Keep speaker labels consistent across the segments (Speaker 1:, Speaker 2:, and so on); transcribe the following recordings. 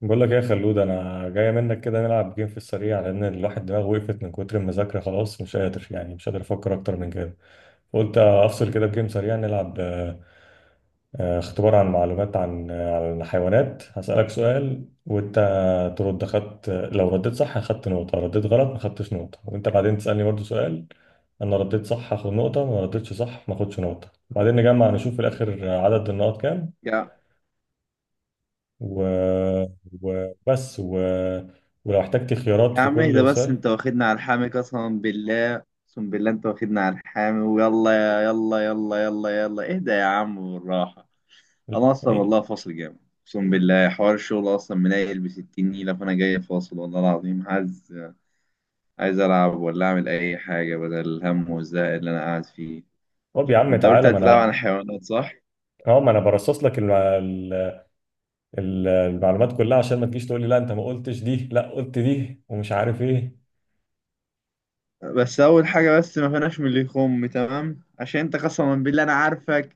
Speaker 1: بقول لك إيه يا خلود انا جاي منك كده نلعب جيم في السريع لان الواحد دماغه وقفت من كتر المذاكره خلاص مش قادر يعني مش قادر افكر اكتر من كده قلت افصل كده بجيم سريع نلعب اختبار عن معلومات عن الحيوانات هسألك سؤال وانت ترد خدت لو رديت صح اخدت نقطه رديت غلط ما خدتش نقطه وانت بعدين تسألني برضو سؤال انا رديت صح هاخد نقطه ما رديتش صح ما اخدش نقطه بعدين نجمع نشوف في الاخر عدد النقط كام
Speaker 2: يا
Speaker 1: و... وبس ولو احتجت خيارات
Speaker 2: يا
Speaker 1: في
Speaker 2: عم اهدى
Speaker 1: كل
Speaker 2: بس
Speaker 1: سؤال.
Speaker 2: انت واخدنا على الحامي، قسما بالله اقسم بالله انت واخدنا على الحامي، ويلا يا يلا يلا يلا يلا اهدى يا عم بالراحة. انا اصلا
Speaker 1: ايه؟
Speaker 2: والله فاصل جامد، اقسم بالله حوار الشغل اصلا منيل ب 60 نيلة. فانا جاي فاصل والله العظيم، عايز العب ولا اعمل اي حاجة بدل الهم والزهق اللي انا قاعد فيه.
Speaker 1: طب يا عم
Speaker 2: انت قلت
Speaker 1: تعالى ما
Speaker 2: هتلعب عن
Speaker 1: انا
Speaker 2: الحيوانات صح؟
Speaker 1: اه ما انا برصص لك المعلومات كلها عشان ما تجيش تقول لي لا انت ما قلتش دي لا قلت دي ومش عارف ايه.
Speaker 2: بس اول حاجة، بس ما فيناش من اللي يخم تمام، عشان انت قسما بالله انا عارفك.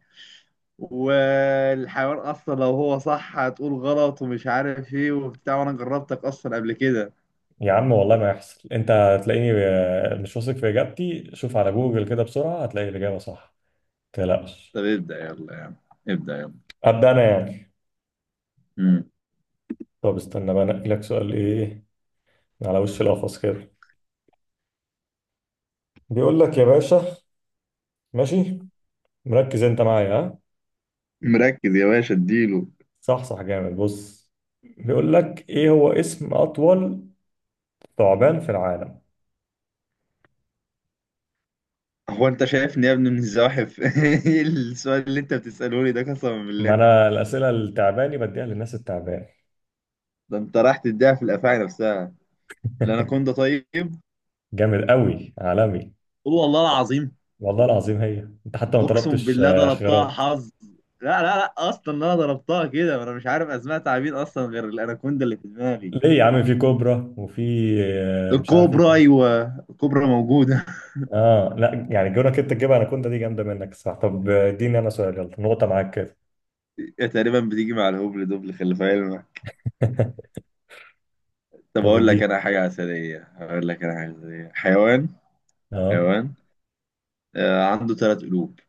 Speaker 2: والحيوان اصلا لو هو صح هتقول غلط ومش عارف ايه وبتاع، وانا جربتك اصلا قبل كده.
Speaker 1: يا عم والله ما يحصل، انت هتلاقيني مش واثق في اجابتي شوف على جوجل كده بسرعة هتلاقي الاجابة صح، ما تقلقش.
Speaker 2: طب ابدأ يلا يا عم، ابدأ يلا.
Speaker 1: ابدا انا يعني
Speaker 2: مم.
Speaker 1: طب استنى بقى انقي لك سؤال ايه على وش القفص كده. بيقول لك يا باشا، ماشي، مركز انت معايا؟ ها
Speaker 2: مركز يا باشا، اديله.
Speaker 1: صح صح جامد بص. بيقول لك ايه هو اسم اطول ثعبان في العالم؟
Speaker 2: هو انت شايفني يا ابني من الزواحف؟ ايه السؤال اللي انت بتسأله لي ده قسما
Speaker 1: ما
Speaker 2: بالله؟
Speaker 1: انا الاسئله التعباني بديها للناس التعبان.
Speaker 2: ده انت راح تديها في الافاعي نفسها. الاناكوندا، طيب.
Speaker 1: جامد قوي عالمي،
Speaker 2: قول والله العظيم.
Speaker 1: والله العظيم. هي انت حتى ما
Speaker 2: اقسم
Speaker 1: طلبتش
Speaker 2: بالله ضربتها
Speaker 1: خيارات.
Speaker 2: حظ. لا لا لا، اصلا انا ضربتها كده، انا مش عارف اسماء تعابين اصلا غير الاناكوندا اللي في دماغي.
Speaker 1: ليه يا عم، في كوبرا وفي مش عارف ايه
Speaker 2: الكوبرا،
Speaker 1: تاني.
Speaker 2: ايوه، الكوبرا موجوده.
Speaker 1: اه لا يعني جونك انت تجيبها، انا كنت دي جامده منك. صح طب، اديني انا سؤال يلا، نقطه معاك كده.
Speaker 2: هي تقريبا بتيجي مع الهبل دبل، خلي في علمك. طب
Speaker 1: طب
Speaker 2: اقول لك
Speaker 1: اديني.
Speaker 2: انا حاجه عسليه، اقول لك انا حاجه عسليه. حيوان
Speaker 1: اه
Speaker 2: حيوان عنده ثلاث قلوب.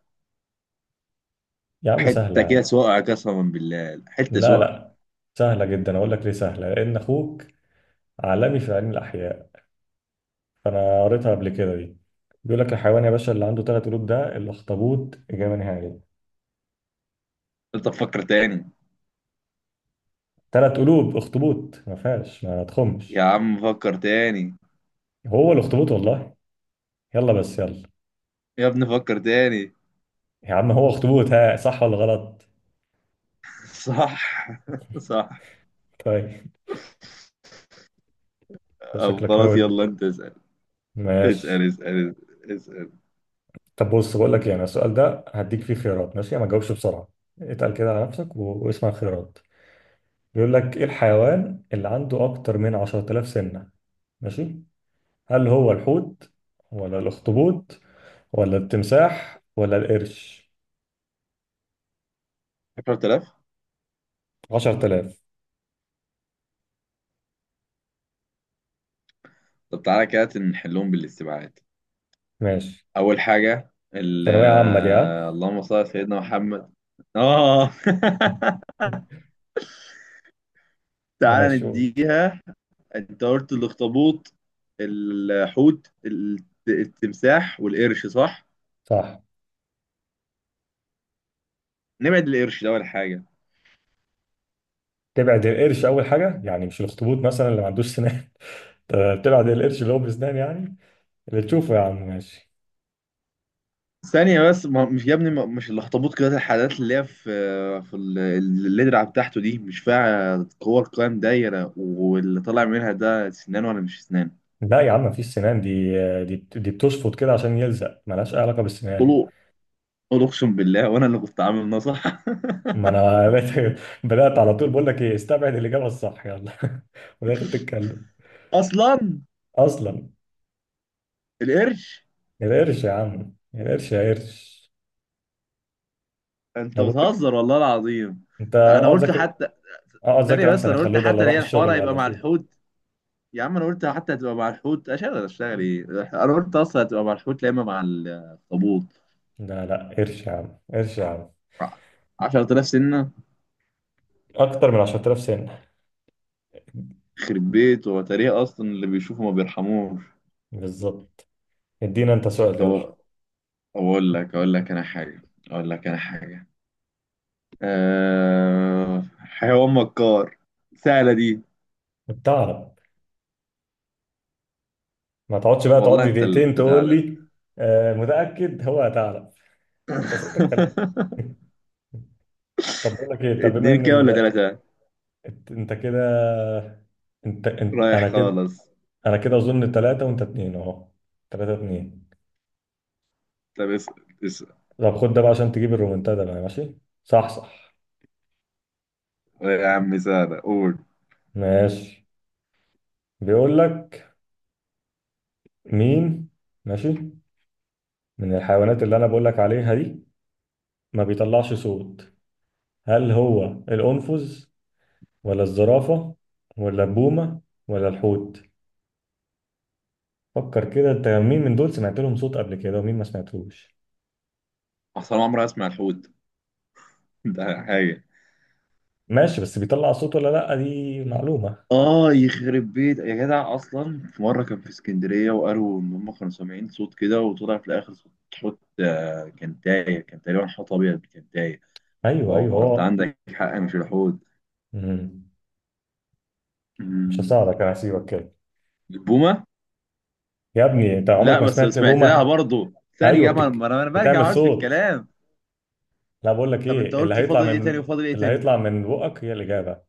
Speaker 1: يا عم سهله
Speaker 2: حته
Speaker 1: يا
Speaker 2: كده
Speaker 1: عم.
Speaker 2: سقع، قسما بالله حته
Speaker 1: لا
Speaker 2: سقع.
Speaker 1: لا سهله جدا، اقول لك ليه سهله، لان اخوك عالمي في علم الاحياء فانا قريتها قبل كده دي. بيقول لك الحيوان يا باشا اللي عنده 3 قلوب ده الاخطبوط، اجابه نهائيه.
Speaker 2: انت فكر تاني.
Speaker 1: 3 قلوب اخطبوط، ما فيهاش ما
Speaker 2: يا
Speaker 1: تخمش.
Speaker 2: عم فكر تاني.
Speaker 1: هو الاخطبوط والله. يلا بس يلا.
Speaker 2: يا ابني فكر تاني.
Speaker 1: يا عم هو اخطبوط، ها صح ولا غلط؟
Speaker 2: صح. صح.
Speaker 1: طيب.
Speaker 2: طب
Speaker 1: شكلك
Speaker 2: خلاص
Speaker 1: نود.
Speaker 2: يلا انت اسال.
Speaker 1: ماشي.
Speaker 2: اسال اسال. اسال.
Speaker 1: طب بص بقول لك ايه، انا السؤال ده هديك فيه خيارات ماشي، ما تجاوبش بسرعه، اتقل كده على نفسك واسمع الخيارات. بيقول لك ايه الحيوان اللي عنده اكتر من 10,000 سنه؟ ماشي، هل هو الحوت، ولا الأخطبوط، ولا التمساح، ولا القرش؟
Speaker 2: 10,000.
Speaker 1: 10,000.
Speaker 2: طب تعالى كده نحلهم بالاستبعاد.
Speaker 1: ماشي.
Speaker 2: اول حاجه ال-.
Speaker 1: ثانوية عامة دي، ها.
Speaker 2: اللهم صل على سيدنا محمد. اه. تعالى
Speaker 1: ماشي قول.
Speaker 2: نديها. انت قلت الاخطبوط، الحوت، التمساح والقرش، صح؟
Speaker 1: صح.
Speaker 2: نبعد القرش ده اول حاجه.
Speaker 1: تبعد القرش أول حاجة، يعني مش الأخطبوط مثلا اللي ما عندوش سنان؟ طب تبعد القرش اللي هو بسنان، يعني اللي تشوفه يا عم ماشي.
Speaker 2: ثانيه بس، ما مش يا ابني، مش الاخطبوط كده. الحاجات اللي هي في في اللدرة بتاعته دي، مش فيها كور قوام دايره، واللي طالع منها ده سنان ولا مش سنان؟
Speaker 1: لا يا عم مفيش سنان دي، دي بتشفط كده عشان يلزق، ملهاش أي علاقة بالسنان.
Speaker 2: قولوا، قولوا اقسم بالله، وانا اللي كنت عامل نصح.
Speaker 1: ما أنا بدأت على طول بقول لك إيه استبعد الإجابة الصح يلا. وداخل تتكلم.
Speaker 2: اصلا
Speaker 1: أصلا
Speaker 2: القرش.
Speaker 1: القرش، يا عم القرش، يا قرش.
Speaker 2: انت
Speaker 1: انا بقول لك،
Speaker 2: بتهزر والله العظيم.
Speaker 1: انت
Speaker 2: انا
Speaker 1: اقعد
Speaker 2: قلت
Speaker 1: ذاكر.
Speaker 2: حتى.
Speaker 1: اقعد
Speaker 2: ثانية
Speaker 1: ذاكر
Speaker 2: بس،
Speaker 1: احسن يا
Speaker 2: انا قلت
Speaker 1: خلود، ولا
Speaker 2: حتى
Speaker 1: اروح
Speaker 2: هي الحوار
Speaker 1: الشغل
Speaker 2: هيبقى
Speaker 1: ولا
Speaker 2: مع
Speaker 1: شو.
Speaker 2: الحوت. يا عم انا قلت حتى هتبقى مع الحوت. اشتغل اشتغل ايه؟ انا قلت اصلا هتبقى مع الحوت، لا اما مع الاخطبوط.
Speaker 1: لا لا قرش يا عم، قرش يا عم.
Speaker 2: 10,000 سنة.
Speaker 1: اكتر من 10,000 سنه.
Speaker 2: يخرب بيت، هو تاريخ اصلا اللي بيشوفه ما بيرحموش.
Speaker 1: بالظبط. ادينا انت سؤال يلا.
Speaker 2: طب اقول لك، اقول لك انا حاجة، اقول لك انا حاجة. حيوان مكار. سهلة دي.
Speaker 1: بتعرف؟ ما تقعدش بقى
Speaker 2: والله
Speaker 1: تقعد لي
Speaker 2: انت اللي
Speaker 1: دقيقتين تقول
Speaker 2: تعالى.
Speaker 1: لي. آه متاكد هو هتعرف. انت سألتك خلي. طب بقول لك ايه، طب بما
Speaker 2: اتنين
Speaker 1: ان
Speaker 2: كده ولا تلاتة؟
Speaker 1: انت كده، انت... انت
Speaker 2: رايح
Speaker 1: انا كده.
Speaker 2: خالص.
Speaker 1: انا كده اظن ثلاثه وانت اثنين اهو، 3-2.
Speaker 2: طب اسأل. اسأل.
Speaker 1: طب خد ده بقى عشان تجيب الرومنتادا بقى، ماشي؟ صح صح
Speaker 2: يا عم سهلة، قول.
Speaker 1: ماشي. بيقول لك مين، ماشي، من الحيوانات اللي انا بقول لك عليها دي ما بيطلعش صوت؟ هل هو الأنفذ، ولا الزرافة، ولا البومة، ولا الحوت؟ فكر كده، انت مين من دول سمعت لهم صوت قبل كده ومين ما سمعتوش.
Speaker 2: أصل أنا عمري أسمع الحوت. ده حاجة.
Speaker 1: ماشي، بس بيطلع صوت ولا لا دي معلومة.
Speaker 2: يخرب بيت يا جدع، أصلا في مرة كان في اسكندرية وقالوا إن هم كانوا سامعين صوت كده، وطلع في الآخر صوت حوت. كان تايه، كان تقريبا حوت أبيض كان تايه.
Speaker 1: ايوه ايوه
Speaker 2: فهو أنت
Speaker 1: هو.
Speaker 2: عندك حق، مش الحوت.
Speaker 1: مم. مش
Speaker 2: أمم،
Speaker 1: هساعدك، انا هسيبك كده.
Speaker 2: البومة؟
Speaker 1: يا ابني انت عمرك
Speaker 2: لا
Speaker 1: ما
Speaker 2: بس
Speaker 1: سمعت
Speaker 2: سمعت لها
Speaker 1: بومة.
Speaker 2: برضه.
Speaker 1: ايوه
Speaker 2: ثانية ما أنا برجع
Speaker 1: بتعمل
Speaker 2: أقعد في
Speaker 1: صوت.
Speaker 2: الكلام.
Speaker 1: لا بقول لك
Speaker 2: طب أنت
Speaker 1: ايه اللي
Speaker 2: قلت
Speaker 1: هيطلع
Speaker 2: فاضل إيه
Speaker 1: من،
Speaker 2: تاني وفاضل إيه
Speaker 1: اللي
Speaker 2: تاني؟
Speaker 1: هيطلع من بقك هي الإجابة،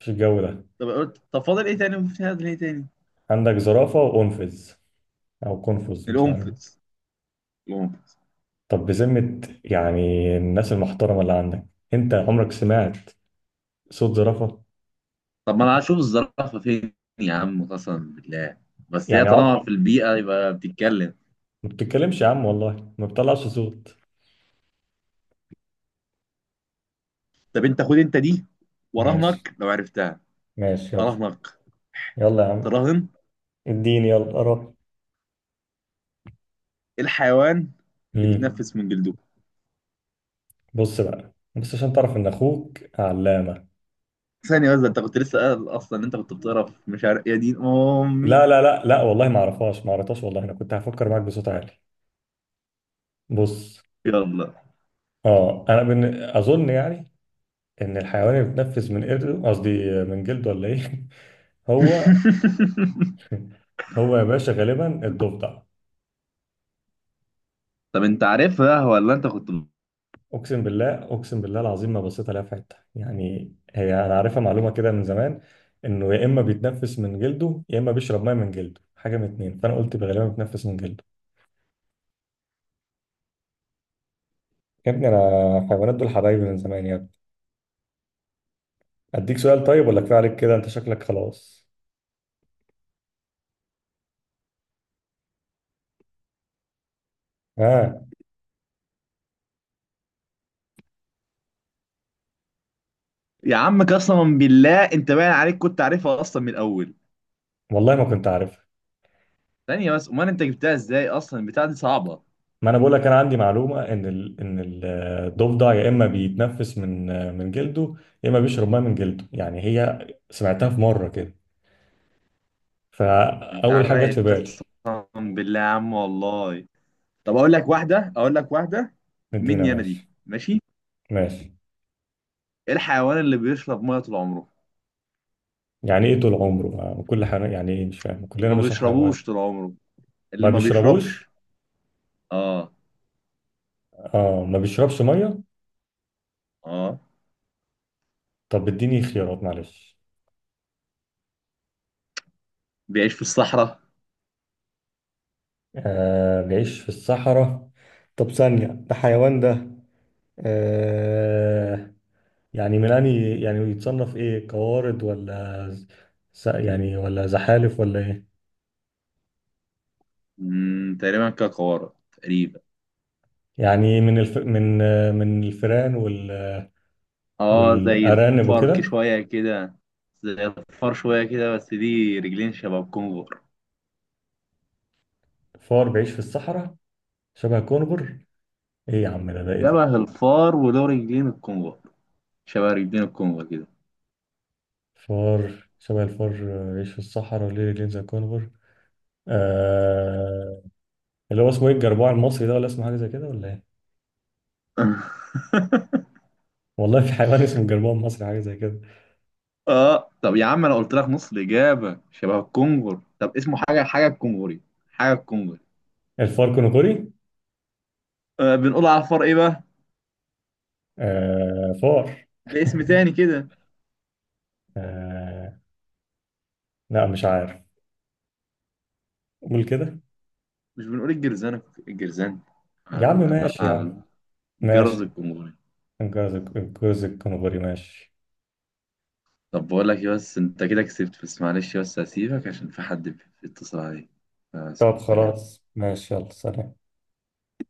Speaker 1: مش الجو ده.
Speaker 2: طب قلت طب فاضل إيه تاني وفاضل إيه تاني؟
Speaker 1: عندك زرافة وقنفذ، أو قنفذ مش عارف.
Speaker 2: القنفذ. القنفذ.
Speaker 1: طب بذمة، يعني الناس المحترمة اللي عندك، أنت عمرك سمعت صوت زرافة؟
Speaker 2: طب ما انا هشوف الزرافه فين؟ يا عم قسما بالله، بس هي
Speaker 1: يعني
Speaker 2: طالما
Speaker 1: عمرك
Speaker 2: في البيئه يبقى بتتكلم.
Speaker 1: ما بتتكلمش، يا عم والله ما بتطلعش صوت.
Speaker 2: طب انت خد انت دي،
Speaker 1: ماشي
Speaker 2: وراهنك لو عرفتها.
Speaker 1: ماشي يلا.
Speaker 2: اراهنك.
Speaker 1: يلا يا عم،
Speaker 2: تراهن.
Speaker 1: اديني يلا قرب.
Speaker 2: إيه الحيوان اللي
Speaker 1: امم.
Speaker 2: بيتنفس من جلده؟
Speaker 1: بص بقى بس عشان تعرف إن أخوك علامة.
Speaker 2: ثانية بس، ده انت كنت لسه قايل اصلا ان انت كنت بتقرا في، مش عارف، يا دين امي.
Speaker 1: لا والله ما أعرفهاش ما قريتهاش والله، أنا كنت هفكر معاك بصوت عالي. بص،
Speaker 2: يلا.
Speaker 1: اه انا اظن يعني ان الحيوان اللي بيتنفس من قرده قصدي من جلده ولا ايه؟ هو هو يا باشا غالبا الضفدع.
Speaker 2: طب انت عارفها ولا انت كنت؟
Speaker 1: اقسم بالله اقسم بالله العظيم ما بصيت عليها في حته، يعني هي انا عارفها معلومه كده من زمان انه يا اما بيتنفس من جلده يا اما بيشرب ميه من جلده، حاجه من اتنين، فانا قلت غالبا بيتنفس من جلده. يا ابني انا الحيوانات دول حبايبي من زمان يا ابني. اديك سؤال طيب ولا كفايه عليك كده، انت شكلك خلاص. ها.
Speaker 2: يا عم قسما بالله انت باين عليك كنت عارفها اصلا من الاول.
Speaker 1: والله ما كنت عارف.
Speaker 2: ثانية بس، امال انت جبتها ازاي اصلا؟ البتاعة دي صعبة.
Speaker 1: ما انا بقول لك انا عندي معلومه ان الضفدع يا اما بيتنفس من من جلده يا اما بيشرب ميه من جلده، يعني هي سمعتها في مره كده
Speaker 2: انت على
Speaker 1: فاول حاجه جت
Speaker 2: الرايق
Speaker 1: في بالي.
Speaker 2: قسما بالله يا عم والله. طب اقول لك واحده، اقول لك واحده
Speaker 1: مدينا
Speaker 2: مني انا دي،
Speaker 1: ماشي.
Speaker 2: ماشي؟
Speaker 1: ماشي.
Speaker 2: ايه الحيوان اللي بيشرب ميه طول عمره؟
Speaker 1: يعني ايه طول عمره كل حاجه، يعني ايه مش فاهم، كلنا
Speaker 2: ما
Speaker 1: بنشرب حاجه ميه.
Speaker 2: بيشربوش طول عمره، اللي
Speaker 1: ما
Speaker 2: ما
Speaker 1: بيشربوش.
Speaker 2: بيشربش. اه.
Speaker 1: اه ما بيشربش ميه.
Speaker 2: اه،
Speaker 1: طب اديني خيارات معلش.
Speaker 2: بيعيش في الصحراء.
Speaker 1: آه بيعيش في الصحراء. طب ثانيه ده حيوان ده؟ آه، يعني ميلاني يعني يتصنف ايه، قوارض ولا يعني ولا زحالف ولا ايه؟
Speaker 2: تقريبا كقارة تقريبا.
Speaker 1: يعني من الفئران
Speaker 2: اه زي
Speaker 1: والارانب
Speaker 2: الفرك
Speaker 1: وكده.
Speaker 2: شويه كده. زي الفار شويه كده، بس دي رجلين شبه الكونغر.
Speaker 1: فار بيعيش في الصحراء، شبه كونغر، ايه يا عم ده ايه
Speaker 2: شبه
Speaker 1: ده؟
Speaker 2: الفار وله رجلين الكونغر. شبه رجلين الكونغر كده.
Speaker 1: فار شبه الفار بيعيش في الصحراء وليه رجلين زي كونغر. آه... اللي هو اسمه ايه الجربوع المصري ده، ولا اسمه حاجه زي كده ولا ايه؟ والله في حيوان اسمه الجربوع المصري حاجه زي كده.
Speaker 2: اه طب يا عم انا قلت لك نص الاجابه شبه الكونغر. طب اسمه حاجه الكونغري. حاجه الكونغري.
Speaker 1: الفار كونغري.
Speaker 2: آه بنقول على الفار ايه بقى؟
Speaker 1: فار.
Speaker 2: ده اسم تاني كده.
Speaker 1: آه... لا مش عارف، قول كده.
Speaker 2: مش بنقول الجرزان؟ الجرزان.
Speaker 1: يا عم ماشي يا
Speaker 2: على
Speaker 1: عم.
Speaker 2: الجرز
Speaker 1: ماشي.
Speaker 2: الكونغري.
Speaker 1: الجوز الكنغوري، ماشي.
Speaker 2: طب بقول لك إيه، بس انت كده كسبت. بس معلش، بس هسيبك عشان في حد بيتصل عليك. آه.
Speaker 1: طب
Speaker 2: سلام.
Speaker 1: خلاص ماشي، يلا سلام.